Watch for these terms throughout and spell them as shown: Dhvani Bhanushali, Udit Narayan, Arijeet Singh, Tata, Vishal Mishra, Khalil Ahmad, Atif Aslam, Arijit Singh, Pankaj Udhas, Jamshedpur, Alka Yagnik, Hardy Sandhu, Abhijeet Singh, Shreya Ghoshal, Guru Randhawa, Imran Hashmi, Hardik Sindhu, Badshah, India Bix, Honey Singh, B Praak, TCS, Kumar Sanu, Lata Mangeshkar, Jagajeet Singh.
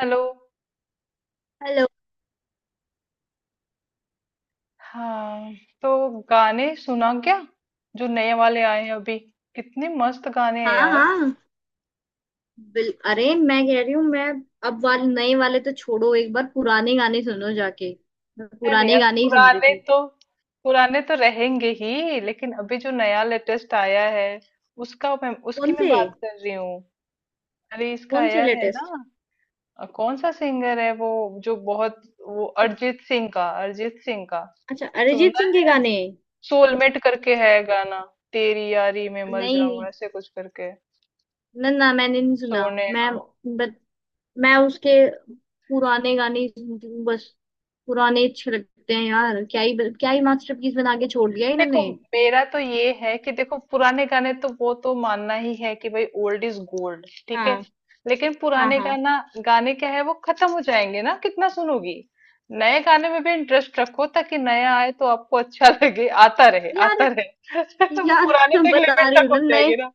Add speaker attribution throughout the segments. Speaker 1: Hello.
Speaker 2: Hello.
Speaker 1: हाँ। तो गाने सुना क्या। जो नए वाले आए हैं अभी। कितने मस्त गाने हैं
Speaker 2: हाँ
Speaker 1: यार।
Speaker 2: हाँ बिल। अरे मैं कह रही हूँ। मैं अब वाले नए वाले तो छोड़ो, एक बार पुराने गाने सुनो जाके। मैं
Speaker 1: अरे
Speaker 2: पुराने
Speaker 1: यार,
Speaker 2: गाने ही सुन रही
Speaker 1: पुराने
Speaker 2: थी।
Speaker 1: तो पुराने तो रहेंगे ही, लेकिन अभी जो नया लेटेस्ट आया है उसका मैं उसकी
Speaker 2: कौन
Speaker 1: मैं
Speaker 2: से?
Speaker 1: बात कर रही हूँ। अरे इसका
Speaker 2: कौन से
Speaker 1: आया है
Speaker 2: लेटेस्ट?
Speaker 1: ना। कौन सा सिंगर है वो जो बहुत, वो अरिजीत सिंह का
Speaker 2: अच्छा, अरिजीत
Speaker 1: सुना।
Speaker 2: सिंह के गाने।
Speaker 1: सोलमेट करके है गाना। तेरी यारी में मर जाऊं,
Speaker 2: नहीं,
Speaker 1: ऐसे कुछ करके।
Speaker 2: ना ना, मैंने नहीं सुना।
Speaker 1: सोने।
Speaker 2: मैं बट मैं उसके पुराने गाने ही सुनती हूँ बस। पुराने अच्छे लगते हैं यार। क्या ही मास्टरपीस बना के छोड़ दिया
Speaker 1: देखो
Speaker 2: इन्होंने।
Speaker 1: मेरा तो ये है कि देखो, पुराने गाने तो वो तो मानना ही है कि भाई ओल्ड इज गोल्ड, ठीक है।
Speaker 2: हाँ
Speaker 1: लेकिन
Speaker 2: हाँ।
Speaker 1: पुराने
Speaker 2: हाँ
Speaker 1: गाना गाने क्या है, वो खत्म हो जाएंगे ना। कितना सुनोगी। नए गाने में भी इंटरेस्ट रखो ताकि नया आए तो आपको अच्छा लगे, आता रहे आता
Speaker 2: यार
Speaker 1: रहे तो वो
Speaker 2: यार
Speaker 1: पुराने तो एक
Speaker 2: बता
Speaker 1: लिमिट
Speaker 2: रही
Speaker 1: तक
Speaker 2: हूँ
Speaker 1: हो
Speaker 2: ना नए।
Speaker 1: जाएगी ना।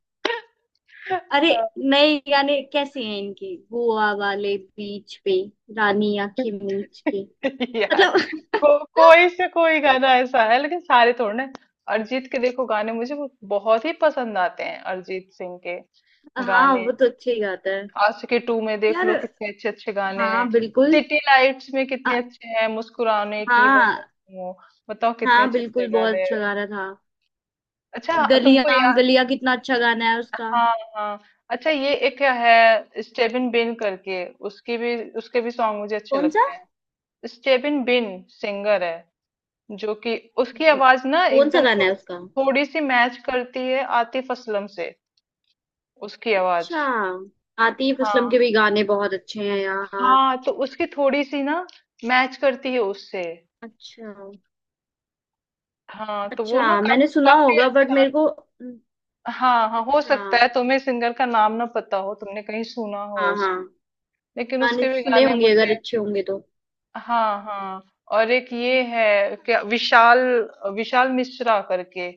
Speaker 2: अरे,
Speaker 1: हाँ।
Speaker 2: नए गाने कैसे हैं इनके? गोवा वाले बीच पे, रानी आंखें मीच के।
Speaker 1: यार
Speaker 2: मतलब
Speaker 1: कोई से कोई गाना ऐसा है, लेकिन सारे थोड़े ना। अरिजीत के देखो गाने मुझे बहुत ही पसंद आते हैं, अरिजीत सिंह के
Speaker 2: हाँ
Speaker 1: गाने।
Speaker 2: वो तो अच्छे ही गाता है
Speaker 1: आशिकी टू में देख लो,
Speaker 2: यार।
Speaker 1: कितने अच्छे अच्छे गाने
Speaker 2: हाँ
Speaker 1: हैं।
Speaker 2: बिल्कुल।
Speaker 1: सिटी लाइट्स में
Speaker 2: अ,
Speaker 1: कितने अच्छे हैं, मुस्कुराने की वजह
Speaker 2: हाँ
Speaker 1: वो, बताओ कितने
Speaker 2: हाँ
Speaker 1: अच्छे अच्छे
Speaker 2: बिल्कुल, बहुत
Speaker 1: गाने हैं।
Speaker 2: अच्छा गा रहा था।
Speaker 1: अच्छा तुमको
Speaker 2: गलियां
Speaker 1: याद,
Speaker 2: गलियां कितना अच्छा गाना है उसका।
Speaker 1: हाँ हाँ। अच्छा ये एक है, स्टेबिन बिन करके, उसकी भी उसके भी सॉन्ग मुझे अच्छे
Speaker 2: कौन सा?
Speaker 1: लगते हैं। स्टेबिन बिन सिंगर है, जो कि उसकी आवाज ना
Speaker 2: कौन सा
Speaker 1: एकदम
Speaker 2: गाना है
Speaker 1: थोड़ी,
Speaker 2: उसका?
Speaker 1: थोड़ी सी मैच करती है आतिफ असलम से, उसकी आवाज।
Speaker 2: अच्छा, आतिफ असलम
Speaker 1: हाँ
Speaker 2: के भी गाने बहुत अच्छे हैं यार।
Speaker 1: हाँ, तो उसकी थोड़ी सी ना मैच करती है उससे।
Speaker 2: अच्छा।
Speaker 1: हाँ तो वो ना
Speaker 2: अच्छा, मैंने
Speaker 1: काफी
Speaker 2: सुना
Speaker 1: काफी
Speaker 2: होगा बट
Speaker 1: अच्छा।
Speaker 2: मेरे को।
Speaker 1: हाँ हाँ, हो
Speaker 2: अच्छा,
Speaker 1: सकता है तुम्हें सिंगर का नाम ना पता हो, तुमने कहीं सुना हो
Speaker 2: हाँ
Speaker 1: उस,
Speaker 2: हाँ,
Speaker 1: लेकिन
Speaker 2: गाने
Speaker 1: उसके
Speaker 2: तो
Speaker 1: भी
Speaker 2: सुने
Speaker 1: गाने
Speaker 2: होंगे, अगर
Speaker 1: मुझे।
Speaker 2: अच्छे होंगे तो।
Speaker 1: हाँ हाँ। और एक ये है क्या विशाल, विशाल मिश्रा करके,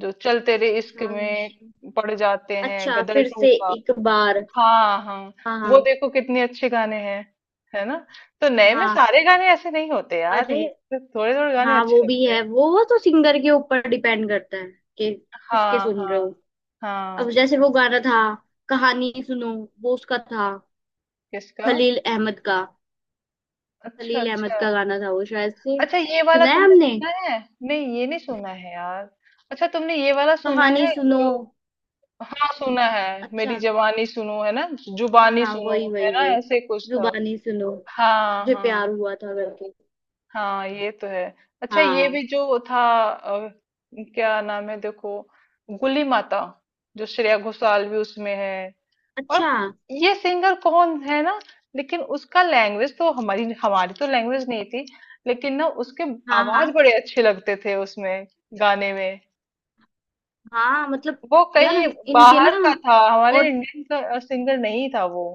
Speaker 1: जो चल तेरे इश्क
Speaker 2: विशाल
Speaker 1: में
Speaker 2: मिश्रा।
Speaker 1: पड़ जाते हैं,
Speaker 2: अच्छा,
Speaker 1: गदर
Speaker 2: फिर
Speaker 1: टू
Speaker 2: से
Speaker 1: का।
Speaker 2: एक बार।
Speaker 1: हाँ हाँ।
Speaker 2: हाँ
Speaker 1: वो
Speaker 2: हाँ।
Speaker 1: देखो कितने अच्छे गाने हैं, है ना। तो नए में
Speaker 2: हाँ
Speaker 1: सारे गाने ऐसे नहीं होते यार,
Speaker 2: अरे,
Speaker 1: ये थोड़े थोड़े गाने
Speaker 2: हाँ वो
Speaker 1: अच्छे
Speaker 2: भी
Speaker 1: लगते हैं।
Speaker 2: है, वो तो सिंगर के ऊपर डिपेंड करता है कि किसके
Speaker 1: हाँ
Speaker 2: सुन रहे
Speaker 1: हाँ
Speaker 2: हो। अब
Speaker 1: हाँ।
Speaker 2: जैसे वो गाना था, कहानी सुनो, वो उसका था,
Speaker 1: किसका।
Speaker 2: खलील अहमद का।
Speaker 1: अच्छा
Speaker 2: खलील अहमद
Speaker 1: अच्छा।
Speaker 2: का गाना था वो शायद से।
Speaker 1: अच्छा ये वाला
Speaker 2: सुना है
Speaker 1: तुमने
Speaker 2: हमने।
Speaker 1: सुना है। नहीं ये नहीं सुना है यार। अच्छा तुमने ये वाला सुना
Speaker 2: कहानी
Speaker 1: है
Speaker 2: सुनो।
Speaker 1: जो, हाँ सुना है।
Speaker 2: अच्छा।
Speaker 1: मेरी जवानी सुनो है ना,
Speaker 2: हाँ
Speaker 1: जुबानी
Speaker 2: हाँ,
Speaker 1: सुनो
Speaker 2: वही
Speaker 1: है
Speaker 2: वही
Speaker 1: ना,
Speaker 2: वही।
Speaker 1: ऐसे कुछ था।
Speaker 2: जुबानी सुनो,
Speaker 1: हाँ
Speaker 2: मुझे
Speaker 1: हाँ
Speaker 2: प्यार हुआ था करके।
Speaker 1: हाँ, ये तो है। अच्छा ये
Speaker 2: हाँ।
Speaker 1: भी जो था, अ, क्या नाम है देखो, गुली माता, जो श्रेया घोषाल भी उसमें है।
Speaker 2: अच्छा।
Speaker 1: और ये सिंगर कौन है ना, लेकिन उसका लैंग्वेज तो हमारी हमारी तो लैंग्वेज नहीं थी, लेकिन ना उसके
Speaker 2: हाँ हाँ
Speaker 1: आवाज बड़े अच्छे लगते थे उसमें, गाने में।
Speaker 2: हाँ, मतलब
Speaker 1: वो
Speaker 2: यार
Speaker 1: कहीं
Speaker 2: इनके ना।
Speaker 1: बाहर का था, हमारे
Speaker 2: और
Speaker 1: इंडियन का सिंगर नहीं था वो।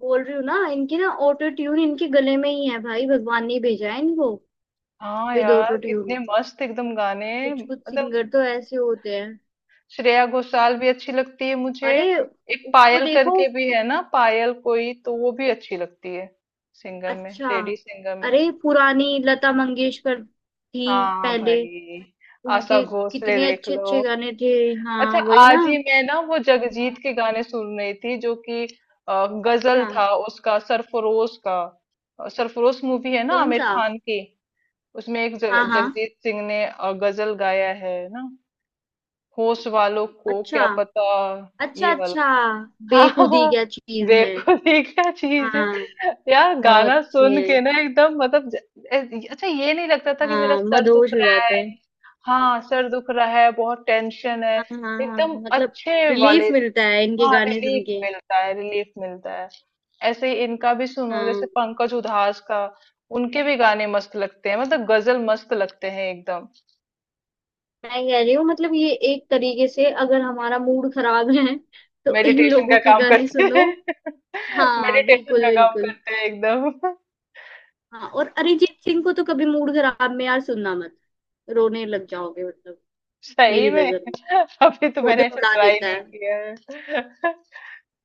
Speaker 2: बोल रही हूँ ना, इनके ना ऑटो ट्यून इनके गले में ही है भाई, भगवान ने भेजा है इनको।
Speaker 1: हाँ
Speaker 2: विद ऑटो
Speaker 1: यार
Speaker 2: ट्यून।
Speaker 1: कितने मस्त एकदम गाने,
Speaker 2: कुछ कुछ
Speaker 1: मतलब।
Speaker 2: सिंगर तो ऐसे होते हैं।
Speaker 1: श्रेया घोषाल भी अच्छी लगती है मुझे।
Speaker 2: अरे
Speaker 1: एक
Speaker 2: उसको
Speaker 1: पायल
Speaker 2: देखो।
Speaker 1: करके भी है ना, पायल कोई, तो वो भी अच्छी लगती है, सिंगर में,
Speaker 2: अच्छा।
Speaker 1: लेडी सिंगर में।
Speaker 2: अरे पुरानी लता मंगेशकर थी
Speaker 1: हाँ
Speaker 2: पहले।
Speaker 1: भाई, आशा
Speaker 2: उनके
Speaker 1: भोसले
Speaker 2: कितने
Speaker 1: देख
Speaker 2: अच्छे
Speaker 1: लो।
Speaker 2: अच्छे गाने थे।
Speaker 1: अच्छा
Speaker 2: हाँ वही ना।
Speaker 1: आज ही मैं ना वो जगजीत के गाने सुन रही थी, जो कि गजल
Speaker 2: अच्छा।
Speaker 1: था उसका, सरफरोश का। सरफरोश मूवी है ना,
Speaker 2: कौन
Speaker 1: आमिर
Speaker 2: सा?
Speaker 1: खान की। उसमें एक
Speaker 2: हाँ हाँ।
Speaker 1: जगजीत सिंह ने गजल गाया है ना, होश वालों को
Speaker 2: अच्छा
Speaker 1: क्या पता,
Speaker 2: अच्छा
Speaker 1: ये वाला।
Speaker 2: अच्छा।
Speaker 1: हाँ
Speaker 2: बेखुदी
Speaker 1: हाँ,
Speaker 2: क्या चीज है।
Speaker 1: देखो ये क्या चीज है।
Speaker 2: हाँ,
Speaker 1: यार
Speaker 2: बहुत
Speaker 1: गाना
Speaker 2: अच्छी
Speaker 1: सुन
Speaker 2: है।
Speaker 1: के ना एकदम मतलब अच्छा, ये नहीं लगता था कि मेरा
Speaker 2: हाँ,
Speaker 1: सर दुख
Speaker 2: मदहोश हो
Speaker 1: रहा
Speaker 2: जाते
Speaker 1: है।
Speaker 2: हैं।
Speaker 1: हाँ सर दुख रहा है, बहुत टेंशन है,
Speaker 2: हाँ हाँ हाँ हाँ,
Speaker 1: एकदम
Speaker 2: हाँ, मतलब
Speaker 1: अच्छे वाले।
Speaker 2: रिलीफ मिलता है इनके
Speaker 1: हाँ
Speaker 2: गाने सुन
Speaker 1: रिलीफ
Speaker 2: के।
Speaker 1: मिलता है, रिलीफ मिलता है। ऐसे ही इनका भी सुनो,
Speaker 2: हाँ
Speaker 1: जैसे पंकज उधास का, उनके भी गाने मस्त लगते हैं, मतलब गजल मस्त लगते हैं एकदम।
Speaker 2: मैं कह रही हूँ, मतलब ये एक तरीके से, अगर हमारा मूड खराब है तो इन
Speaker 1: मेडिटेशन का
Speaker 2: लोगों के
Speaker 1: काम
Speaker 2: गाने
Speaker 1: करते
Speaker 2: सुनो।
Speaker 1: हैं।
Speaker 2: हाँ
Speaker 1: मेडिटेशन
Speaker 2: बिल्कुल
Speaker 1: का काम
Speaker 2: बिल्कुल।
Speaker 1: करते हैं एकदम।
Speaker 2: हाँ, और अरिजीत सिंह को तो कभी मूड खराब में यार सुनना मत, रोने लग जाओगे मतलब।
Speaker 1: सही
Speaker 2: मेरी
Speaker 1: में।
Speaker 2: नजर में
Speaker 1: अभी तो
Speaker 2: वो
Speaker 1: मैंने
Speaker 2: तो
Speaker 1: ऐसे
Speaker 2: रुला
Speaker 1: ट्राई
Speaker 2: देता
Speaker 1: नहीं
Speaker 2: है।
Speaker 1: किया है।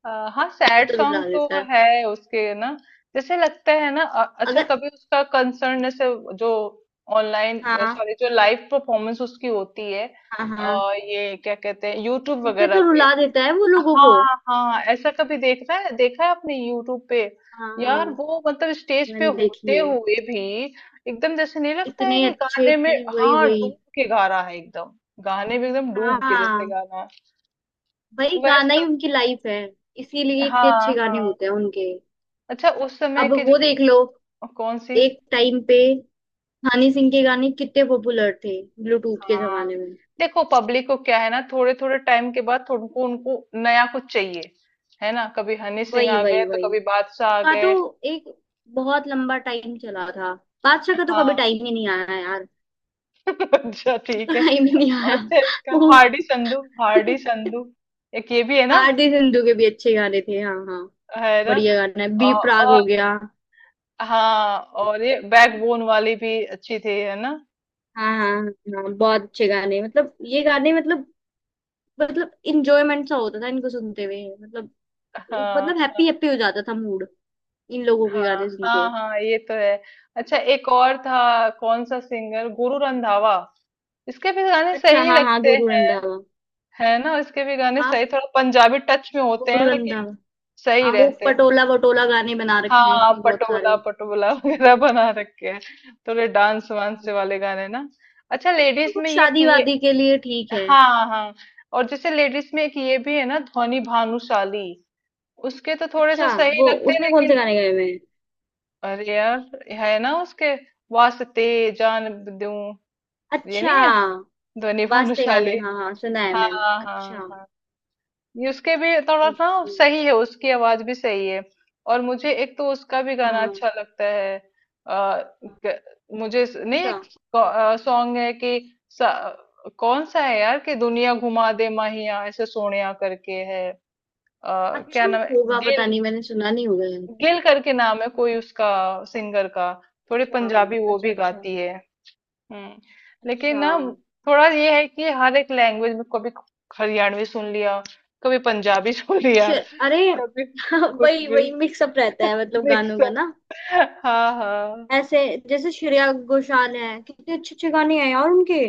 Speaker 1: अ, हाँ
Speaker 2: वो
Speaker 1: सैड
Speaker 2: तो रुला
Speaker 1: सॉन्ग
Speaker 2: देता
Speaker 1: तो
Speaker 2: है।
Speaker 1: है उसके ना। जैसे लगता है ना, अच्छा,
Speaker 2: अगर।
Speaker 1: कभी उसका कंसर्न जैसे जो ऑनलाइन,
Speaker 2: हाँ
Speaker 1: सॉरी, जो लाइव परफॉर्मेंस उसकी होती है,
Speaker 2: हाँ हाँ।
Speaker 1: ये क्या कहते हैं, यूट्यूब
Speaker 2: उसमें
Speaker 1: वगैरह
Speaker 2: तो
Speaker 1: पे।
Speaker 2: रुला देता है वो लोगों को।
Speaker 1: हाँ हाँ, ऐसा कभी देख रहा है, देखा है आपने यूट्यूब पे।
Speaker 2: हाँ
Speaker 1: यार
Speaker 2: हाँ,
Speaker 1: वो मतलब स्टेज पे
Speaker 2: मैंने देखी
Speaker 1: होते
Speaker 2: है।
Speaker 1: हुए भी एकदम, जैसे नहीं लगता है
Speaker 2: इतने
Speaker 1: कि
Speaker 2: अच्छे
Speaker 1: गाने में,
Speaker 2: इतने, वही
Speaker 1: हाँ
Speaker 2: वही।
Speaker 1: डूब के गा रहा है एकदम, गाने में एकदम डूब के जैसे
Speaker 2: हाँ
Speaker 1: गा रहा है
Speaker 2: वही गाना
Speaker 1: वैसा।
Speaker 2: ही उनकी लाइफ है, इसीलिए इतने
Speaker 1: हाँ
Speaker 2: अच्छे गाने
Speaker 1: हाँ।
Speaker 2: होते हैं उनके।
Speaker 1: अच्छा उस समय
Speaker 2: अब
Speaker 1: के
Speaker 2: वो
Speaker 1: जो,
Speaker 2: देख लो,
Speaker 1: कौन सी।
Speaker 2: एक टाइम पे हनी सिंह के गाने कितने पॉपुलर थे ब्लूटूथ के
Speaker 1: हाँ
Speaker 2: जमाने में।
Speaker 1: देखो जी, पब्लिक को क्या है ना, थोड़े थोड़े टाइम के बाद उनको उनको नया कुछ चाहिए, है ना। कभी हनी सिंह
Speaker 2: वही
Speaker 1: आ
Speaker 2: वही
Speaker 1: गए, तो
Speaker 2: वही
Speaker 1: कभी बादशाह आ
Speaker 2: का तो
Speaker 1: गए।
Speaker 2: एक बहुत लंबा टाइम चला था। बादशाह का तो कभी
Speaker 1: हाँ।
Speaker 2: टाइम ही नहीं आया यार।
Speaker 1: अच्छा
Speaker 2: उसका
Speaker 1: ठीक है।
Speaker 2: टाइम ही नहीं आया।
Speaker 1: अच्छा इसका
Speaker 2: वो
Speaker 1: हार्डी संधू, हार्डी संधू, एक ये भी है ना,
Speaker 2: हार्दिक सिंधू के भी अच्छे गाने थे, हाँ हाँ।
Speaker 1: है ना।
Speaker 2: बढ़िया गाना है,
Speaker 1: और,
Speaker 2: बी प्राक
Speaker 1: और
Speaker 2: हो गया।
Speaker 1: हाँ और ये बैकबोन वाली भी अच्छी थी, है ना।
Speaker 2: हाँ हाँ। हाँ बहुत अच्छे गाने, मतलब ये गाने, मतलब इंजॉयमेंट सा होता था इनको सुनते हुए, मतलब
Speaker 1: हाँ
Speaker 2: मतलब हैप्पी हैप्पी हो जाता था मूड, इन लोगों के
Speaker 1: हाँ
Speaker 2: गाने सुन के।
Speaker 1: हाँ हाँ, ये तो है। अच्छा एक और था, कौन सा सिंगर, गुरु रंधावा, इसके भी गाने
Speaker 2: अच्छा,
Speaker 1: सही
Speaker 2: हाँ हाँ,
Speaker 1: लगते
Speaker 2: गुरु
Speaker 1: हैं,
Speaker 2: रंधावा।
Speaker 1: है ना। इसके भी गाने
Speaker 2: हाँ
Speaker 1: सही, थोड़ा पंजाबी टच में होते
Speaker 2: गुरु
Speaker 1: हैं, लेकिन
Speaker 2: रंधावा।
Speaker 1: सही
Speaker 2: हाँ, वो
Speaker 1: रहते हैं।
Speaker 2: पटोला वटोला गाने बना रखे हैं
Speaker 1: हाँ
Speaker 2: इसमें बहुत
Speaker 1: पटोला
Speaker 2: सारे।
Speaker 1: पटोला वगैरह बना रखे हैं, थोड़े डांस वांस
Speaker 2: हाँ,
Speaker 1: वाले गाने ना। अच्छा लेडीज
Speaker 2: वो
Speaker 1: में ये
Speaker 2: शादी
Speaker 1: कि, ये
Speaker 2: वादी के लिए ठीक है।
Speaker 1: हाँ हाँ, और जैसे लेडीज में एक ये भी है ना, ध्वनि भानुशाली, उसके तो थोड़े से
Speaker 2: अच्छा,
Speaker 1: सही
Speaker 2: वो
Speaker 1: लगते हैं
Speaker 2: उसने कौन
Speaker 1: लेकिन।
Speaker 2: से गाने गाए हुए हैं?
Speaker 1: अरे यार है ना उसके, वास्ते जान दूं, ये
Speaker 2: अच्छा,
Speaker 1: नहीं है, ध्वनि
Speaker 2: वास्ते गाने,
Speaker 1: भानुशाली।
Speaker 2: हाँ हाँ सुना है मैंने।
Speaker 1: हाँ
Speaker 2: अच्छा,
Speaker 1: हाँ, ये उसके भी थोड़ा सा
Speaker 2: ओके।
Speaker 1: सही है, उसकी आवाज भी सही है। और मुझे एक तो उसका भी गाना
Speaker 2: हाँ,
Speaker 1: अच्छा लगता है। आ, क- मुझे नहीं एक सॉन्ग है, कि कौन सा है यार, कि दुनिया घुमा दे माहिया, ऐसे सोनिया करके है। क्या
Speaker 2: अच्छा
Speaker 1: नाम है,
Speaker 2: होगा, पता
Speaker 1: गिल,
Speaker 2: नहीं, मैंने सुना नहीं होगा यार।
Speaker 1: गिल करके नाम है कोई उसका, सिंगर का। थोड़ी
Speaker 2: अच्छा
Speaker 1: पंजाबी वो
Speaker 2: अच्छा
Speaker 1: भी
Speaker 2: अच्छा।
Speaker 1: गाती है। हम्म। लेकिन
Speaker 2: अच्छा,
Speaker 1: ना थोड़ा ये है कि हर एक लैंग्वेज में, कभी हरियाणवी सुन लिया, कभी पंजाबी सुन लिया,
Speaker 2: अरे
Speaker 1: कभी कुछ
Speaker 2: वही
Speaker 1: भी
Speaker 2: वही मिक्सअप रहता है मतलब
Speaker 1: देख
Speaker 2: गानों का
Speaker 1: सक।
Speaker 2: ना।
Speaker 1: हाँ हाँ।
Speaker 2: ऐसे जैसे श्रेया घोषाल है, कितने अच्छे अच्छे गाने हैं यार उनके।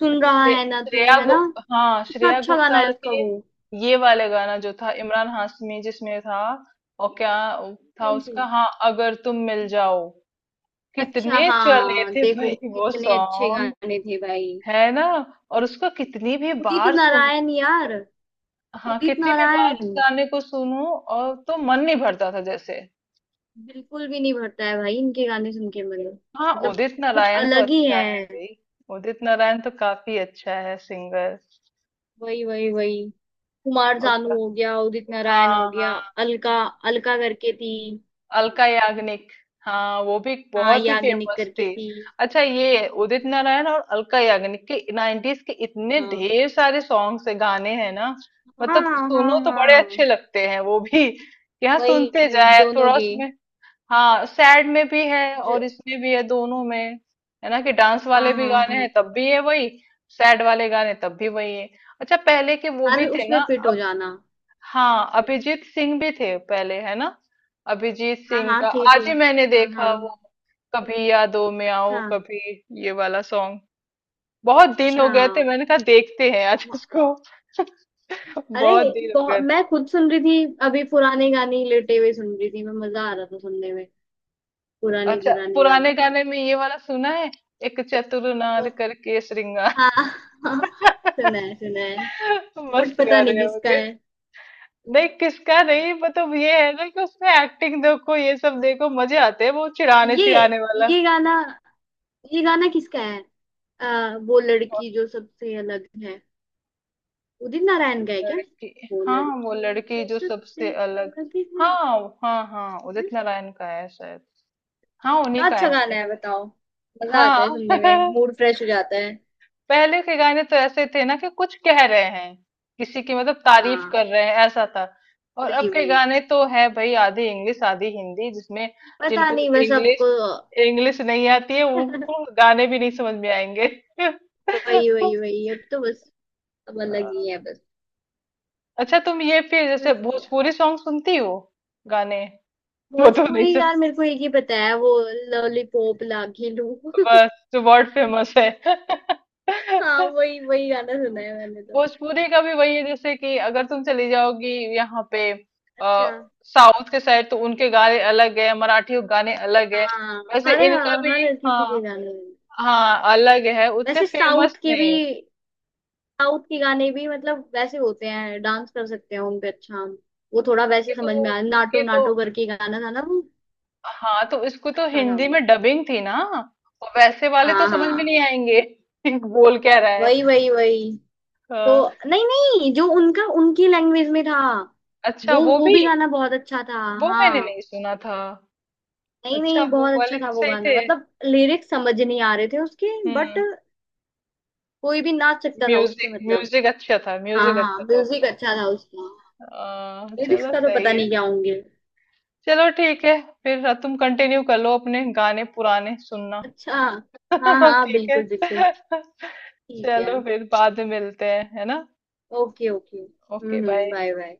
Speaker 2: सुन
Speaker 1: अच्छा
Speaker 2: रहा
Speaker 1: श्रे,
Speaker 2: है ना
Speaker 1: श्रेया
Speaker 2: तू, है
Speaker 1: गो
Speaker 2: ना?
Speaker 1: हाँ
Speaker 2: कितना
Speaker 1: श्रेया
Speaker 2: अच्छा गाना है
Speaker 1: घोषाल
Speaker 2: उसका
Speaker 1: के,
Speaker 2: वो।
Speaker 1: ये वाले गाना जो था, इमरान हाशमी जिसमें था, और क्या था
Speaker 2: कौन सी?
Speaker 1: उसका, हाँ अगर तुम मिल जाओ।
Speaker 2: अच्छा
Speaker 1: कितने चले
Speaker 2: हाँ,
Speaker 1: थे
Speaker 2: देखो
Speaker 1: भाई वो
Speaker 2: कितने अच्छे
Speaker 1: सॉन्ग,
Speaker 2: गाने थे भाई।
Speaker 1: है ना, और उसको कितनी भी
Speaker 2: उदित
Speaker 1: बार सुनो।
Speaker 2: नारायण यार।
Speaker 1: हाँ
Speaker 2: उदित
Speaker 1: कितनी भी बार
Speaker 2: नारायण,
Speaker 1: उस गाने को सुनो और तो मन नहीं भरता था जैसे।
Speaker 2: बिल्कुल भी नहीं भरता है भाई इनके गाने सुन के मुझे,
Speaker 1: हाँ
Speaker 2: मतलब
Speaker 1: उदित
Speaker 2: कुछ
Speaker 1: नारायण तो
Speaker 2: अलग ही
Speaker 1: अच्छा है
Speaker 2: है।
Speaker 1: भाई, उदित नारायण तो काफी अच्छा है सिंगर।
Speaker 2: वही वही वही। कुमार
Speaker 1: और
Speaker 2: सानू
Speaker 1: का-
Speaker 2: हो गया, उदित नारायण हो
Speaker 1: हाँ
Speaker 2: गया,
Speaker 1: हाँ,
Speaker 2: अलका अलका करके थी।
Speaker 1: अलका याग्निक, हाँ वो भी
Speaker 2: हाँ
Speaker 1: बहुत ही
Speaker 2: याग्निक
Speaker 1: फेमस थी।
Speaker 2: करके थी।
Speaker 1: अच्छा ये उदित नारायण और अलका याग्निक के 90s के इतने
Speaker 2: हाँ
Speaker 1: ढेर सारे सॉन्ग्स है, गाने हैं ना,
Speaker 2: हाँ
Speaker 1: मतलब
Speaker 2: हाँ।
Speaker 1: सुनो तो बड़े अच्छे
Speaker 2: हाँ
Speaker 1: लगते हैं वो भी। यहाँ सुनते
Speaker 2: वही
Speaker 1: जाए
Speaker 2: दोनों
Speaker 1: थोड़ा
Speaker 2: के।
Speaker 1: उसमें। हाँ सैड में भी है और
Speaker 2: ज-
Speaker 1: इसमें भी है, दोनों में, है ना कि डांस
Speaker 2: हाँ
Speaker 1: वाले भी
Speaker 2: हाँ
Speaker 1: गाने
Speaker 2: हाँ,
Speaker 1: हैं तब भी है वही, सैड वाले गाने तब भी वही है। अच्छा पहले के वो
Speaker 2: हर
Speaker 1: भी थे
Speaker 2: उसमें
Speaker 1: ना,
Speaker 2: फिट हो
Speaker 1: अब
Speaker 2: जाना।
Speaker 1: हाँ अभिजीत सिंह भी थे पहले, है ना। अभिजीत
Speaker 2: हाँ
Speaker 1: सिंह
Speaker 2: हाँ
Speaker 1: का
Speaker 2: थे थे।
Speaker 1: आज ही मैंने
Speaker 2: हाँ
Speaker 1: देखा,
Speaker 2: हाँ।
Speaker 1: वो कभी यादों में
Speaker 2: अच्छा
Speaker 1: आओ कभी, ये वाला सॉन्ग, बहुत दिन
Speaker 2: अच्छा।
Speaker 1: हो गए थे, मैंने कहा देखते हैं आज
Speaker 2: वाह।
Speaker 1: इसको।
Speaker 2: अरे,
Speaker 1: बहुत दिन हो
Speaker 2: बहुत
Speaker 1: गए थे।
Speaker 2: मैं खुद सुन रही थी, अभी पुराने गाने ही लेटे हुए सुन रही थी मैं, मजा आ रहा था सुनने में, पुराने
Speaker 1: अच्छा
Speaker 2: पुराने
Speaker 1: पुराने
Speaker 2: गाने।
Speaker 1: गाने में ये वाला सुना है, एक चतुर नार
Speaker 2: कौन?
Speaker 1: करके श्रृंगार।
Speaker 2: हाँ हाँ, सुना है सुना है। बट
Speaker 1: मस्त
Speaker 2: पता नहीं
Speaker 1: गाने
Speaker 2: किसका
Speaker 1: होंगे।
Speaker 2: है।
Speaker 1: नहीं किसका नहीं, मतलब ये है ना कि उसमें एक्टिंग देखो, ये सब देखो मजे आते हैं, वो चिढ़ाने
Speaker 2: ये
Speaker 1: चिढ़ाने वाला
Speaker 2: ये गाना, ये गाना किसका है? वो
Speaker 1: और
Speaker 2: लड़की जो सबसे अलग है। उदित नारायण का है क्या?
Speaker 1: लड़की,
Speaker 2: वो
Speaker 1: हाँ वो
Speaker 2: लड़की
Speaker 1: लड़की
Speaker 2: जो
Speaker 1: जो
Speaker 2: सबसे
Speaker 1: सबसे अलग।
Speaker 2: अलग है
Speaker 1: हाँ हाँ, हाँ
Speaker 2: ना?
Speaker 1: उदित नारायण का है शायद, हाँ उन्हीं
Speaker 2: कितना
Speaker 1: का
Speaker 2: अच्छा
Speaker 1: है,
Speaker 2: गाना
Speaker 1: उन्हीं
Speaker 2: है
Speaker 1: का है।
Speaker 2: बताओ, मजा आता है सुनने में,
Speaker 1: हाँ।
Speaker 2: मूड फ्रेश हो जाता है।
Speaker 1: पहले के गाने तो ऐसे थे ना, कि कुछ कह रहे हैं, किसी की मतलब तारीफ
Speaker 2: हाँ
Speaker 1: कर रहे हैं, ऐसा था। और अब
Speaker 2: वही
Speaker 1: के
Speaker 2: वही,
Speaker 1: गाने तो है भाई आधी इंग्लिश आधी हिंदी जिसमें,
Speaker 2: पता
Speaker 1: जिनको
Speaker 2: नहीं बस
Speaker 1: इंग्लिश
Speaker 2: सबको।
Speaker 1: इंग्लिश नहीं आती है, उनको गाने भी नहीं समझ में आएंगे।
Speaker 2: वही वही वही, अब तो बस, अब अलग ही है बस
Speaker 1: अच्छा तुम ये फिर जैसे
Speaker 2: बस।
Speaker 1: भोजपुरी सॉन्ग सुनती हो, गाने, वो तो नहीं
Speaker 2: भोजपुरी
Speaker 1: सुन,
Speaker 2: यार, मेरे को एक ही पता है वो, लॉलीपॉप लागी लू
Speaker 1: बस जो वर्ल्ड फेमस है।
Speaker 2: हाँ वही वही गाना सुना है मैंने तो।
Speaker 1: भोजपुरी का भी वही है जैसे कि अगर तुम चली जाओगी यहाँ पे। आ,
Speaker 2: अच्छा।
Speaker 1: साउथ के साइड तो उनके गाने अलग है, मराठी गाने अलग है,
Speaker 2: हाँ,
Speaker 1: वैसे
Speaker 2: हर
Speaker 1: इनका भी,
Speaker 2: हर किसी के
Speaker 1: हाँ
Speaker 2: गाने।
Speaker 1: हाँ अलग है, उतने
Speaker 2: वैसे साउथ
Speaker 1: फेमस
Speaker 2: के भी,
Speaker 1: नहीं है।
Speaker 2: साउथ के गाने भी मतलब वैसे होते हैं, डांस कर सकते हैं उन पे अच्छा हम। वो थोड़ा
Speaker 1: उनके
Speaker 2: वैसे
Speaker 1: तो
Speaker 2: समझ में आया,
Speaker 1: उनके
Speaker 2: नाटो
Speaker 1: तो,
Speaker 2: नाटो करके गाना था ना वो,
Speaker 1: हाँ तो इसको तो
Speaker 2: अच्छा था
Speaker 1: हिंदी
Speaker 2: वो।
Speaker 1: में डबिंग थी ना, और वैसे वाले तो
Speaker 2: हाँ
Speaker 1: समझ में
Speaker 2: हाँ
Speaker 1: नहीं आएंगे कि बोल क्या रहा है।
Speaker 2: वही वही वही। तो
Speaker 1: हाँ,
Speaker 2: नहीं नहीं, जो उनका उनकी लैंग्वेज में था,
Speaker 1: अच्छा वो
Speaker 2: वो
Speaker 1: भी,
Speaker 2: भी गाना बहुत अच्छा था।
Speaker 1: वो मैंने
Speaker 2: हाँ,
Speaker 1: नहीं सुना था।
Speaker 2: नहीं
Speaker 1: अच्छा
Speaker 2: नहीं,
Speaker 1: वो
Speaker 2: बहुत अच्छा
Speaker 1: वाले
Speaker 2: था
Speaker 1: भी
Speaker 2: वो
Speaker 1: सही
Speaker 2: गाना,
Speaker 1: थे।
Speaker 2: मतलब लिरिक्स समझ नहीं आ रहे थे उसके, बट
Speaker 1: हम्म।
Speaker 2: कोई भी नाच सकता था उसपे
Speaker 1: म्यूजिक
Speaker 2: मतलब।
Speaker 1: म्यूजिक अच्छा था,
Speaker 2: हाँ
Speaker 1: म्यूजिक
Speaker 2: हाँ,
Speaker 1: अच्छा था
Speaker 2: म्यूजिक
Speaker 1: उसका।
Speaker 2: अच्छा था उसका। लिरिक्स
Speaker 1: चलो
Speaker 2: का तो पता
Speaker 1: सही है।
Speaker 2: नहीं क्या होंगे।
Speaker 1: चलो ठीक है फिर, तुम कंटिन्यू कर लो अपने गाने पुराने सुनना।
Speaker 2: अच्छा। हाँ हाँ
Speaker 1: ठीक है।
Speaker 2: बिल्कुल बिल्कुल। ठीक है।
Speaker 1: चलो फिर बाद में मिलते हैं है ना।
Speaker 2: ओके ओके
Speaker 1: ओके
Speaker 2: हम्म।
Speaker 1: बाय।
Speaker 2: Bye bye.